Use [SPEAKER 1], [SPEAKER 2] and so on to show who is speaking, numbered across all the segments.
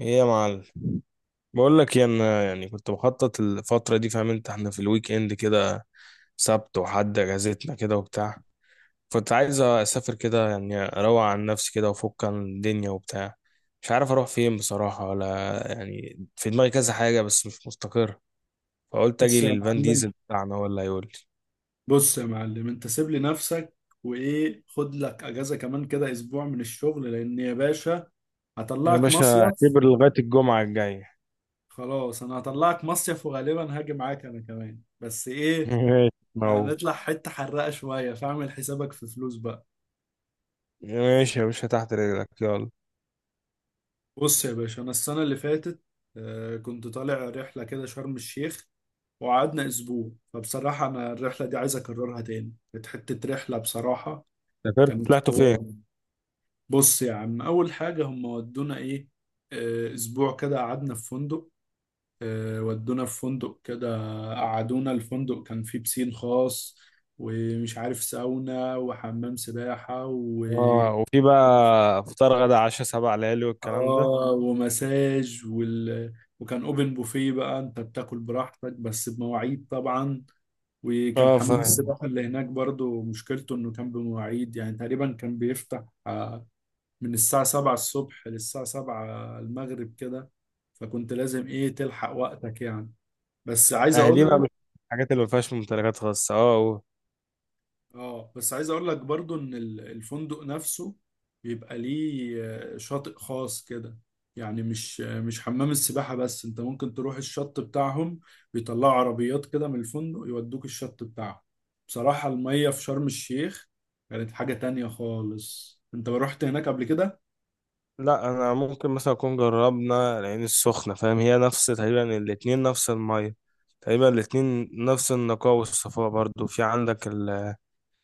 [SPEAKER 1] ايه يا معلم؟ بقول لك إيه، انا يعني كنت بخطط الفتره دي، فاهم انت، احنا في الويك اند كده، سبت وحد اجازتنا كده وبتاع. كنت عايز اسافر كده، يعني اروق عن نفسي كده وافك عن الدنيا وبتاع. مش عارف اروح فين بصراحه، ولا يعني في دماغي كذا حاجه بس مش مستقر. فقلت اجي
[SPEAKER 2] بص يا
[SPEAKER 1] للفان
[SPEAKER 2] معلم
[SPEAKER 1] ديزل بتاعنا ولا يقول لي.
[SPEAKER 2] بص يا معلم، انت سيب لي نفسك، وايه خد لك اجازه كمان كده اسبوع من الشغل، لان يا باشا
[SPEAKER 1] يا
[SPEAKER 2] هطلعك
[SPEAKER 1] باشا
[SPEAKER 2] مصيف.
[SPEAKER 1] اعتبر لغايه الجمعه الجايه.
[SPEAKER 2] خلاص انا هطلعك مصيف وغالبا هاجي معاك انا كمان، بس ايه
[SPEAKER 1] ماشي، ما هو
[SPEAKER 2] هنطلع حته حرقه شويه، فاعمل حسابك في فلوس بقى.
[SPEAKER 1] ماشي يا باشا تحت رجلك، يلا.
[SPEAKER 2] بص يا باشا، انا السنه اللي فاتت كنت طالع رحله كده شرم الشيخ، وقعدنا اسبوع. فبصراحه انا الرحله دي عايز اكررها تاني، كانت حته رحله بصراحه،
[SPEAKER 1] سافرت،
[SPEAKER 2] كانت
[SPEAKER 1] طلعتوا فين؟
[SPEAKER 2] حوار. بص يا عم، أول حاجة هم ودونا إيه. أسبوع كده قعدنا في فندق. ودونا في فندق كده، قعدونا الفندق، كان فيه بسين خاص، ومش عارف ساونا وحمام سباحة، و
[SPEAKER 1] اه، وفي بقى فطار غدا عشاء سبع ليالي والكلام ده؟
[SPEAKER 2] آه ومساج وكان أوبن بوفيه، بقى أنت بتاكل براحتك بس بمواعيد طبعا. وكان
[SPEAKER 1] اه،
[SPEAKER 2] حمام
[SPEAKER 1] فاهم.
[SPEAKER 2] السباحة اللي هناك برضو مشكلته إنه كان بمواعيد، يعني تقريبا كان بيفتح من الساعة 7 الصبح للساعة 7 المغرب كده، فكنت لازم ايه تلحق وقتك يعني. بس عايز
[SPEAKER 1] اهلي
[SPEAKER 2] اقول
[SPEAKER 1] بقى
[SPEAKER 2] لك
[SPEAKER 1] مش الحاجات اللي ما فيهاش ممتلكات خاصه اه و...
[SPEAKER 2] اه بس عايز اقول لك برضو ان الفندق نفسه بيبقى ليه شاطئ خاص كده. يعني مش حمام السباحة بس، انت ممكن تروح الشط بتاعهم. بيطلعوا عربيات كده من الفندق يودوك الشط بتاعهم. بصراحة المية في شرم الشيخ كانت حاجة تانية خالص. انت رحت هناك قبل كده؟
[SPEAKER 1] لا، انا ممكن مثلا اكون جربنا العين السخنه، فاهم، هي نفس تقريبا، الاتنين نفس الميه تقريبا، الاتنين نفس النقاء والصفاء. برضو في عندك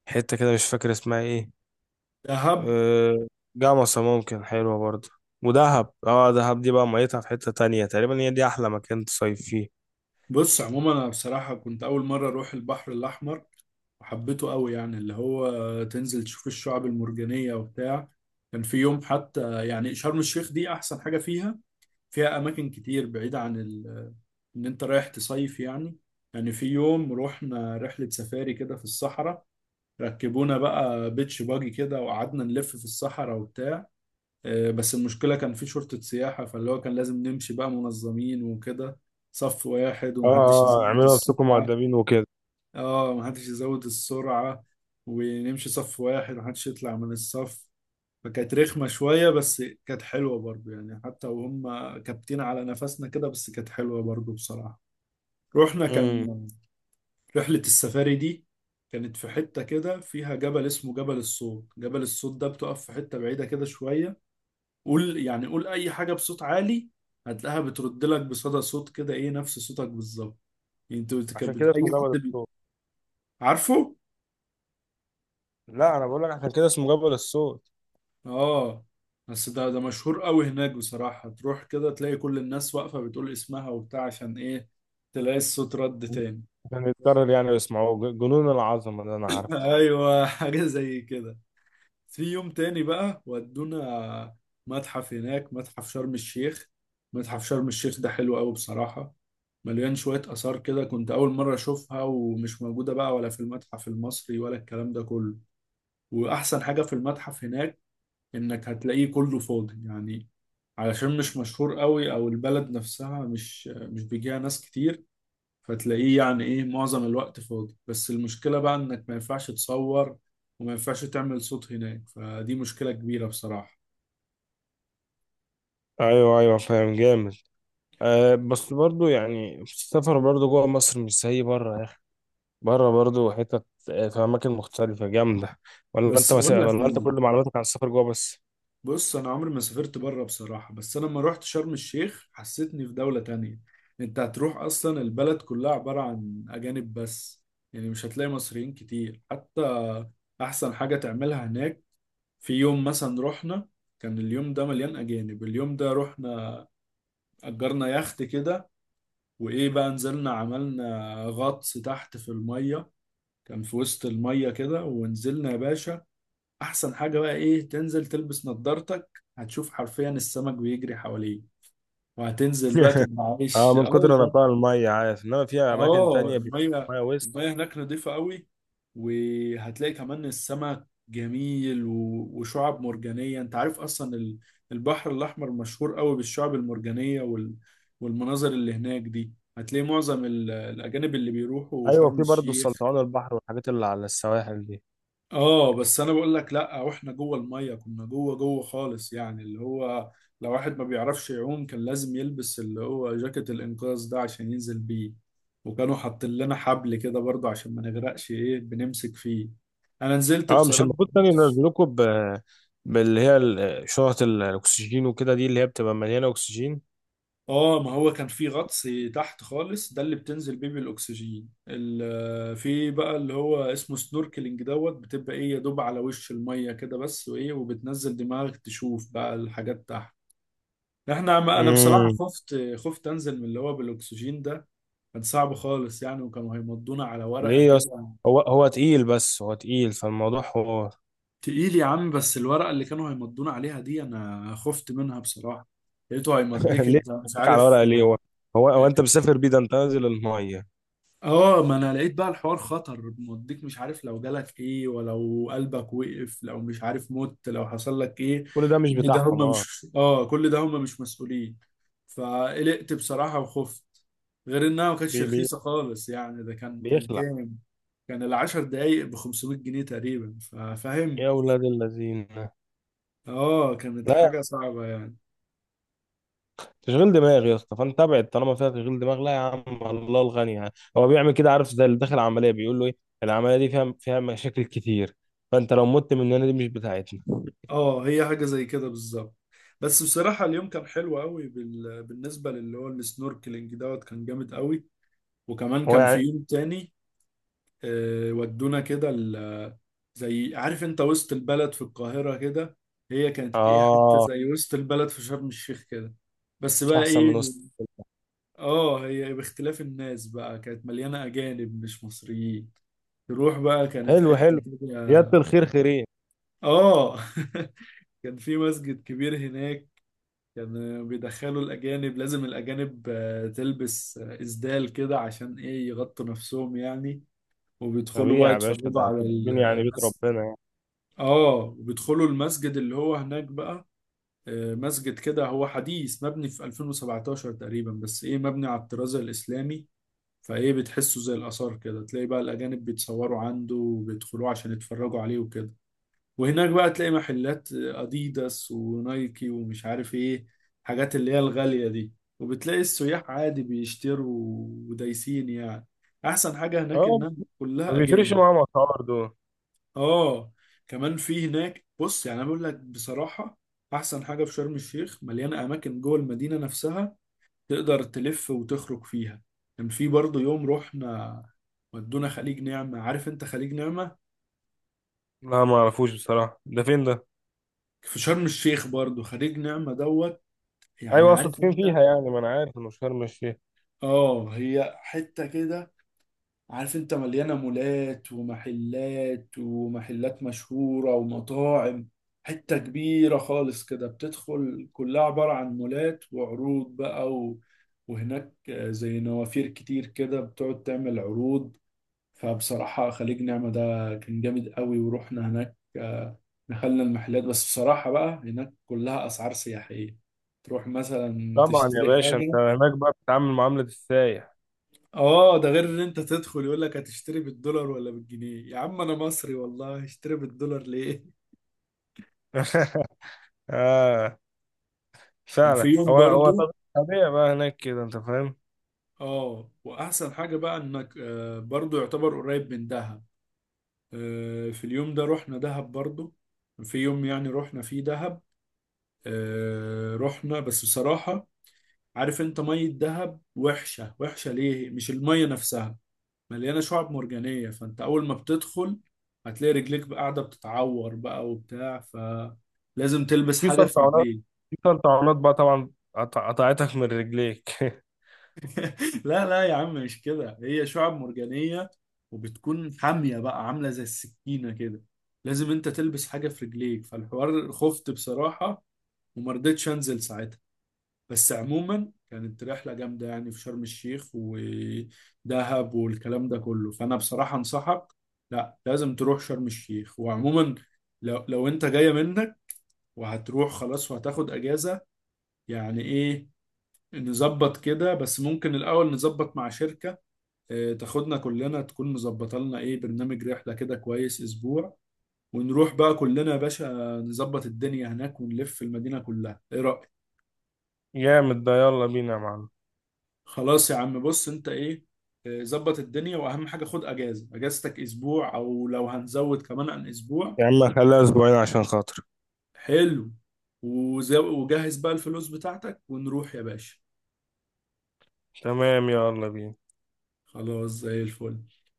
[SPEAKER 1] الحته كده، مش فاكر اسمها ايه.
[SPEAKER 2] دهب.
[SPEAKER 1] آه، جمصة ممكن حلوه برضو. ودهب، اه دهب دي بقى ميتها في حته تانية تقريبا، هي دي احلى مكان تصيف فيه.
[SPEAKER 2] بص عموما، انا بصراحه كنت اول مره اروح البحر الاحمر، وحبيته قوي، يعني اللي هو تنزل تشوف الشعاب المرجانيه وبتاع. كان في يوم حتى، يعني شرم الشيخ دي احسن حاجه فيها، فيها اماكن كتير بعيده عن ان انت رايح تصيف يعني. يعني في يوم رحنا رحله سفاري كده في الصحراء، ركبونا بقى بيتش باجي كده وقعدنا نلف في الصحراء وبتاع. بس المشكلة كان في شرطة سياحة، فاللي هو كان لازم نمشي بقى منظمين وكده، صف واحد
[SPEAKER 1] اه
[SPEAKER 2] ومحدش
[SPEAKER 1] اه،
[SPEAKER 2] يزود
[SPEAKER 1] اعملوا نفسكم
[SPEAKER 2] السرعة.
[SPEAKER 1] مؤدبين وكده.
[SPEAKER 2] اه، محدش يزود السرعة ونمشي صف واحد، محدش يطلع من الصف. فكانت رخمة شوية، بس كانت حلوة برضو، يعني حتى وهم كابتين على نفسنا كده، بس كانت حلوة برضو بصراحة. رحنا
[SPEAKER 1] مم.
[SPEAKER 2] كان رحلة السفاري دي كانت في حتة كده فيها جبل اسمه جبل الصوت. جبل الصوت ده بتقف في حتة بعيدة كده شوية، قول يعني قول اي حاجه بصوت عالي، هتلاقيها بترد لك بصدى صوت كده، ايه نفس صوتك بالظبط. يعني انت بت-
[SPEAKER 1] عشان
[SPEAKER 2] كانت
[SPEAKER 1] كده
[SPEAKER 2] بت- اي
[SPEAKER 1] اسمه جبل
[SPEAKER 2] حد بي...
[SPEAKER 1] الصوت.
[SPEAKER 2] عارفه.
[SPEAKER 1] لا، انا بقول لك عشان كده اسمه جبل الصوت.
[SPEAKER 2] اه، بس ده مشهور قوي هناك بصراحه، تروح كده تلاقي كل الناس واقفه بتقول اسمها وبتاع، عشان ايه تلاقي الصوت رد تاني.
[SPEAKER 1] عشان يتكرر يعني ويسمعوه. جنون العظمه اللي انا عارفه.
[SPEAKER 2] ايوه، حاجه زي كده. في يوم تاني بقى ودونا متحف هناك، متحف شرم الشيخ. متحف شرم الشيخ ده حلو قوي بصراحة، مليان شوية آثار كده كنت أول مرة أشوفها، ومش موجودة بقى ولا في المتحف المصري ولا الكلام ده كله. وأحسن حاجة في المتحف هناك، إنك هتلاقيه كله فاضي يعني، علشان مش مشهور قوي، أو البلد نفسها مش بيجيها ناس كتير. فتلاقيه يعني ايه معظم الوقت فاضي، بس المشكلة بقى انك ما ينفعش تصور وما ينفعش تعمل صوت هناك، فدي مشكلة كبيرة بصراحة.
[SPEAKER 1] ايوه ايوه، فاهم جامد. أه، بس برضو يعني السفر برضو جوه مصر مش زي بره. بره برضو حتت آه، في اماكن مختلفه جامده. ولا انت
[SPEAKER 2] بس
[SPEAKER 1] بس،
[SPEAKER 2] بقول لك إيه،
[SPEAKER 1] ولا انت كل معلوماتك عن السفر جوه بس؟
[SPEAKER 2] بص انا عمري ما سافرت بره بصراحة، بس انا لما رحت شرم الشيخ حسيتني في دولة تانية. انت هتروح اصلا البلد كلها عبارة عن اجانب بس، يعني مش هتلاقي مصريين كتير حتى. احسن حاجة تعملها هناك، في يوم مثلا رحنا، كان اليوم ده مليان اجانب. اليوم ده رحنا اجرنا يخت كده، وايه بقى نزلنا عملنا غطس تحت في الميه، كان في وسط الميه كده، ونزلنا يا باشا. احسن حاجه بقى ايه، تنزل تلبس نظارتك هتشوف حرفيا السمك بيجري حواليه، وهتنزل بقى تبقى
[SPEAKER 1] اه،
[SPEAKER 2] عايش.
[SPEAKER 1] من كتر
[SPEAKER 2] اه.
[SPEAKER 1] نقاء الميه، عارف؟ انما في اماكن
[SPEAKER 2] اه
[SPEAKER 1] تانية بيبقى
[SPEAKER 2] المية،
[SPEAKER 1] الميه وسط.
[SPEAKER 2] المية هناك نضيفة قوي، وهتلاقي كمان السمك جميل وشعاب مرجانية. انت عارف اصلا البحر الاحمر مشهور قوي بالشعاب المرجانية والمناظر اللي هناك دي، هتلاقي معظم الاجانب اللي بيروحوا
[SPEAKER 1] ايوه،
[SPEAKER 2] شرم
[SPEAKER 1] في برضو
[SPEAKER 2] الشيخ.
[SPEAKER 1] السلطعون البحر والحاجات اللي على السواحل دي.
[SPEAKER 2] اه بس انا بقول لك، لا واحنا جوه الميه كنا جوه جوه خالص، يعني اللي هو لو واحد ما بيعرفش يعوم كان لازم يلبس اللي هو جاكيت الانقاذ ده عشان ينزل بيه. وكانوا حاطين لنا حبل كده برضه عشان ما نغرقش، ايه بنمسك فيه. انا نزلت
[SPEAKER 1] اه مش
[SPEAKER 2] بصراحه ما
[SPEAKER 1] المفروض كانوا
[SPEAKER 2] كنتش-
[SPEAKER 1] ينزلوكوا ب شنط الاكسجين وكده، دي اللي هي بتبقى مليانه اكسجين.
[SPEAKER 2] اه ما هو كان في غطس تحت خالص، ده اللي بتنزل بيه بالاكسجين في بقى اللي هو اسمه سنوركلينج دوت، بتبقى ايه يا دوب على وش الميه كده بس، وايه وبتنزل دماغك تشوف بقى الحاجات تحت. انا بصراحه
[SPEAKER 1] امم
[SPEAKER 2] خفت انزل من اللي هو بالاكسجين ده، كان صعب خالص يعني، وكانوا هيمضونا على ورقه
[SPEAKER 1] ليه يا اسطى؟
[SPEAKER 2] كده.
[SPEAKER 1] هو تقيل، بس هو تقيل فالموضوع هو...
[SPEAKER 2] تقيل يا عم، بس الورقه اللي كانوا هيمضونا عليها دي انا خفت منها بصراحه. لقيته هيمضيك
[SPEAKER 1] ليه؟
[SPEAKER 2] انت مش
[SPEAKER 1] بيك على
[SPEAKER 2] عارف،
[SPEAKER 1] ورقه ليه؟ هو هو انت مسافر بيه، ده انت نازل الميه.
[SPEAKER 2] اه ما انا لقيت بقى الحوار خطر موديك، مش عارف لو جالك ايه، ولو قلبك وقف، لو مش عارف مت، لو حصل لك ايه.
[SPEAKER 1] كل ده مش بتاعهم؟ اه.
[SPEAKER 2] كل ده هم مش مسؤولين، فقلقت بصراحة وخفت. غير انها ما كانتش
[SPEAKER 1] بي بي
[SPEAKER 2] رخيصة خالص يعني، ده كان
[SPEAKER 1] بيخلع.
[SPEAKER 2] كام، كان العشر دقايق ب 500 جنيه تقريبا، ففاهم.
[SPEAKER 1] يا اولاد الذين!
[SPEAKER 2] اه كانت
[SPEAKER 1] لا،
[SPEAKER 2] حاجة صعبة يعني.
[SPEAKER 1] تشغيل دماغ يا اسطى، فانت ابعد طالما فيها تشغيل دماغ. لا يا عم، الله الغني يعني. هو بيعمل كده عارف، زي اللي داخل عمليه بيقول له ايه؟ العمليه دي فيها مشاكل كتير، فانت لو مت مننا دي مش بتاعتنا.
[SPEAKER 2] اه هي حاجة زي كده بالظبط، بس بصراحة اليوم كان حلو قوي بالنسبة للي هو السنوركلينج دوت، كان جامد قوي. وكمان
[SPEAKER 1] هو
[SPEAKER 2] كان في
[SPEAKER 1] يعني.
[SPEAKER 2] يوم تاني، آه، ودونا كده ال- زي عارف انت وسط البلد في القاهرة كده، هي كانت ايه حتة
[SPEAKER 1] اه،
[SPEAKER 2] زي وسط البلد في شرم الشيخ كده، بس
[SPEAKER 1] مش
[SPEAKER 2] بقى
[SPEAKER 1] احسن
[SPEAKER 2] ايه،
[SPEAKER 1] من وسط.
[SPEAKER 2] اه هي باختلاف الناس بقى كانت مليانة أجانب مش مصريين. تروح بقى كانت
[SPEAKER 1] حلو
[SPEAKER 2] حتة
[SPEAKER 1] حلو، زياده
[SPEAKER 2] كده.
[SPEAKER 1] الخير خيرين.
[SPEAKER 2] اه. كان في مسجد كبير هناك، كان بيدخلوا الأجانب، لازم الأجانب تلبس إسدال كده عشان ايه يغطوا نفسهم يعني، وبيدخلوا
[SPEAKER 1] طبيعي
[SPEAKER 2] بقى
[SPEAKER 1] يا باشا،
[SPEAKER 2] يتفرجوا
[SPEAKER 1] ده
[SPEAKER 2] على
[SPEAKER 1] انتوا داخلين يعني بيت
[SPEAKER 2] المسجد.
[SPEAKER 1] ربنا يعني.
[SPEAKER 2] اه، وبيدخلوا المسجد اللي هو هناك بقى، مسجد كده هو حديث مبني في 2017 تقريبا، بس ايه مبني على الطراز الإسلامي. فايه بتحسه زي الآثار كده، تلاقي بقى الأجانب بيتصوروا عنده وبيدخلوه عشان يتفرجوا عليه وكده. وهناك بقى تلاقي محلات أديداس ونايكي ومش عارف ايه، حاجات اللي هي الغالية دي، وبتلاقي السياح عادي بيشتروا ودايسين يعني. أحسن حاجة هناك
[SPEAKER 1] اه،
[SPEAKER 2] إنها
[SPEAKER 1] ما
[SPEAKER 2] كلها
[SPEAKER 1] بيفرقش
[SPEAKER 2] أجانب.
[SPEAKER 1] معاهم اسعار دول.
[SPEAKER 2] اه. كمان في هناك، بص يعني انا بقول لك بصراحه، احسن حاجه في شرم الشيخ مليانه اماكن جوه المدينه نفسها تقدر تلف وتخرج فيها. كان في برضه يوم رحنا، ودونا خليج نعمه. عارف انت خليج نعمه؟
[SPEAKER 1] لا ما اعرفوش بصراحه، ده فين ده؟
[SPEAKER 2] في شرم الشيخ برضه خليج نعمه دوت،
[SPEAKER 1] ايوه،
[SPEAKER 2] يعني
[SPEAKER 1] اقصد
[SPEAKER 2] عارف
[SPEAKER 1] فين
[SPEAKER 2] انت.
[SPEAKER 1] فيها يعني، ما انا عارف انه شرم الشيخ.
[SPEAKER 2] اه هي حته كده عارف انت، مليانة مولات ومحلات مشهورة ومطاعم. حتة كبيرة خالص كده بتدخل كلها عبارة عن مولات وعروض بقى وهناك زي نوافير كتير كده بتقعد تعمل عروض. فبصراحة خليج نعمة ده كان جامد قوي، ورحنا هناك، دخلنا المحلات. بس بصراحة بقى هناك كلها أسعار سياحية، تروح مثلا
[SPEAKER 1] طبعا يا
[SPEAKER 2] تشتري
[SPEAKER 1] باشا، انت
[SPEAKER 2] حاجة.
[SPEAKER 1] هناك بقى بتتعامل معامله السايح.
[SPEAKER 2] اه ده غير ان انت تدخل يقول لك هتشتري بالدولار ولا بالجنيه. يا عم انا مصري والله، هشتري بالدولار ليه؟
[SPEAKER 1] آه،
[SPEAKER 2] كان في
[SPEAKER 1] فعلا،
[SPEAKER 2] يوم برضو،
[SPEAKER 1] طبيعي بقى هناك كده انت، فاهم.
[SPEAKER 2] اه واحسن حاجة بقى انك برضو يعتبر قريب من دهب. في اليوم ده رحنا دهب برضو. في يوم يعني رحنا فيه دهب، رحنا. بس بصراحة، عارف انت مية دهب وحشة، وحشة ليه؟ مش المية نفسها، مليانه شعب مرجانيه، فانت اول ما بتدخل هتلاقي رجليك بقى قاعده بتتعور بقى وبتاع، فلازم تلبس
[SPEAKER 1] وفي
[SPEAKER 2] حاجه في
[SPEAKER 1] سلطعونات؟
[SPEAKER 2] رجليك.
[SPEAKER 1] في سلطعونات بقى طبعا، قطعتك من رجليك.
[SPEAKER 2] لا لا يا عم مش كده، هي شعب مرجانيه وبتكون حاميه بقى عامله زي السكينه كده، لازم انت تلبس حاجه في رجليك. فالحوار خفت بصراحه وما رضيتش انزل ساعتها. بس عموما كانت رحلة جامدة يعني في شرم الشيخ ودهب والكلام ده كله، فأنا بصراحة أنصحك لا لازم تروح شرم الشيخ. وعموما لو أنت جاية منك وهتروح خلاص وهتاخد أجازة، يعني إيه نظبط كده. بس ممكن الأول نظبط مع شركة تاخدنا كلنا، تكون مظبطة لنا إيه برنامج رحلة كده كويس أسبوع، ونروح بقى كلنا يا باشا، نظبط الدنيا هناك ونلف المدينة كلها. إيه رأيك؟
[SPEAKER 1] جامد ده، يلا بينا يا معلم.
[SPEAKER 2] خلاص يا عم، بص انت ايه، ظبط الدنيا، واهم حاجه خد اجازه، اجازتك اسبوع او لو هنزود كمان عن اسبوع.
[SPEAKER 1] يا عم خليها اسبوعين عشان خاطر.
[SPEAKER 2] حلو. وجهز بقى الفلوس بتاعتك ونروح يا باشا.
[SPEAKER 1] تمام، يلا بينا.
[SPEAKER 2] خلاص زي الفل.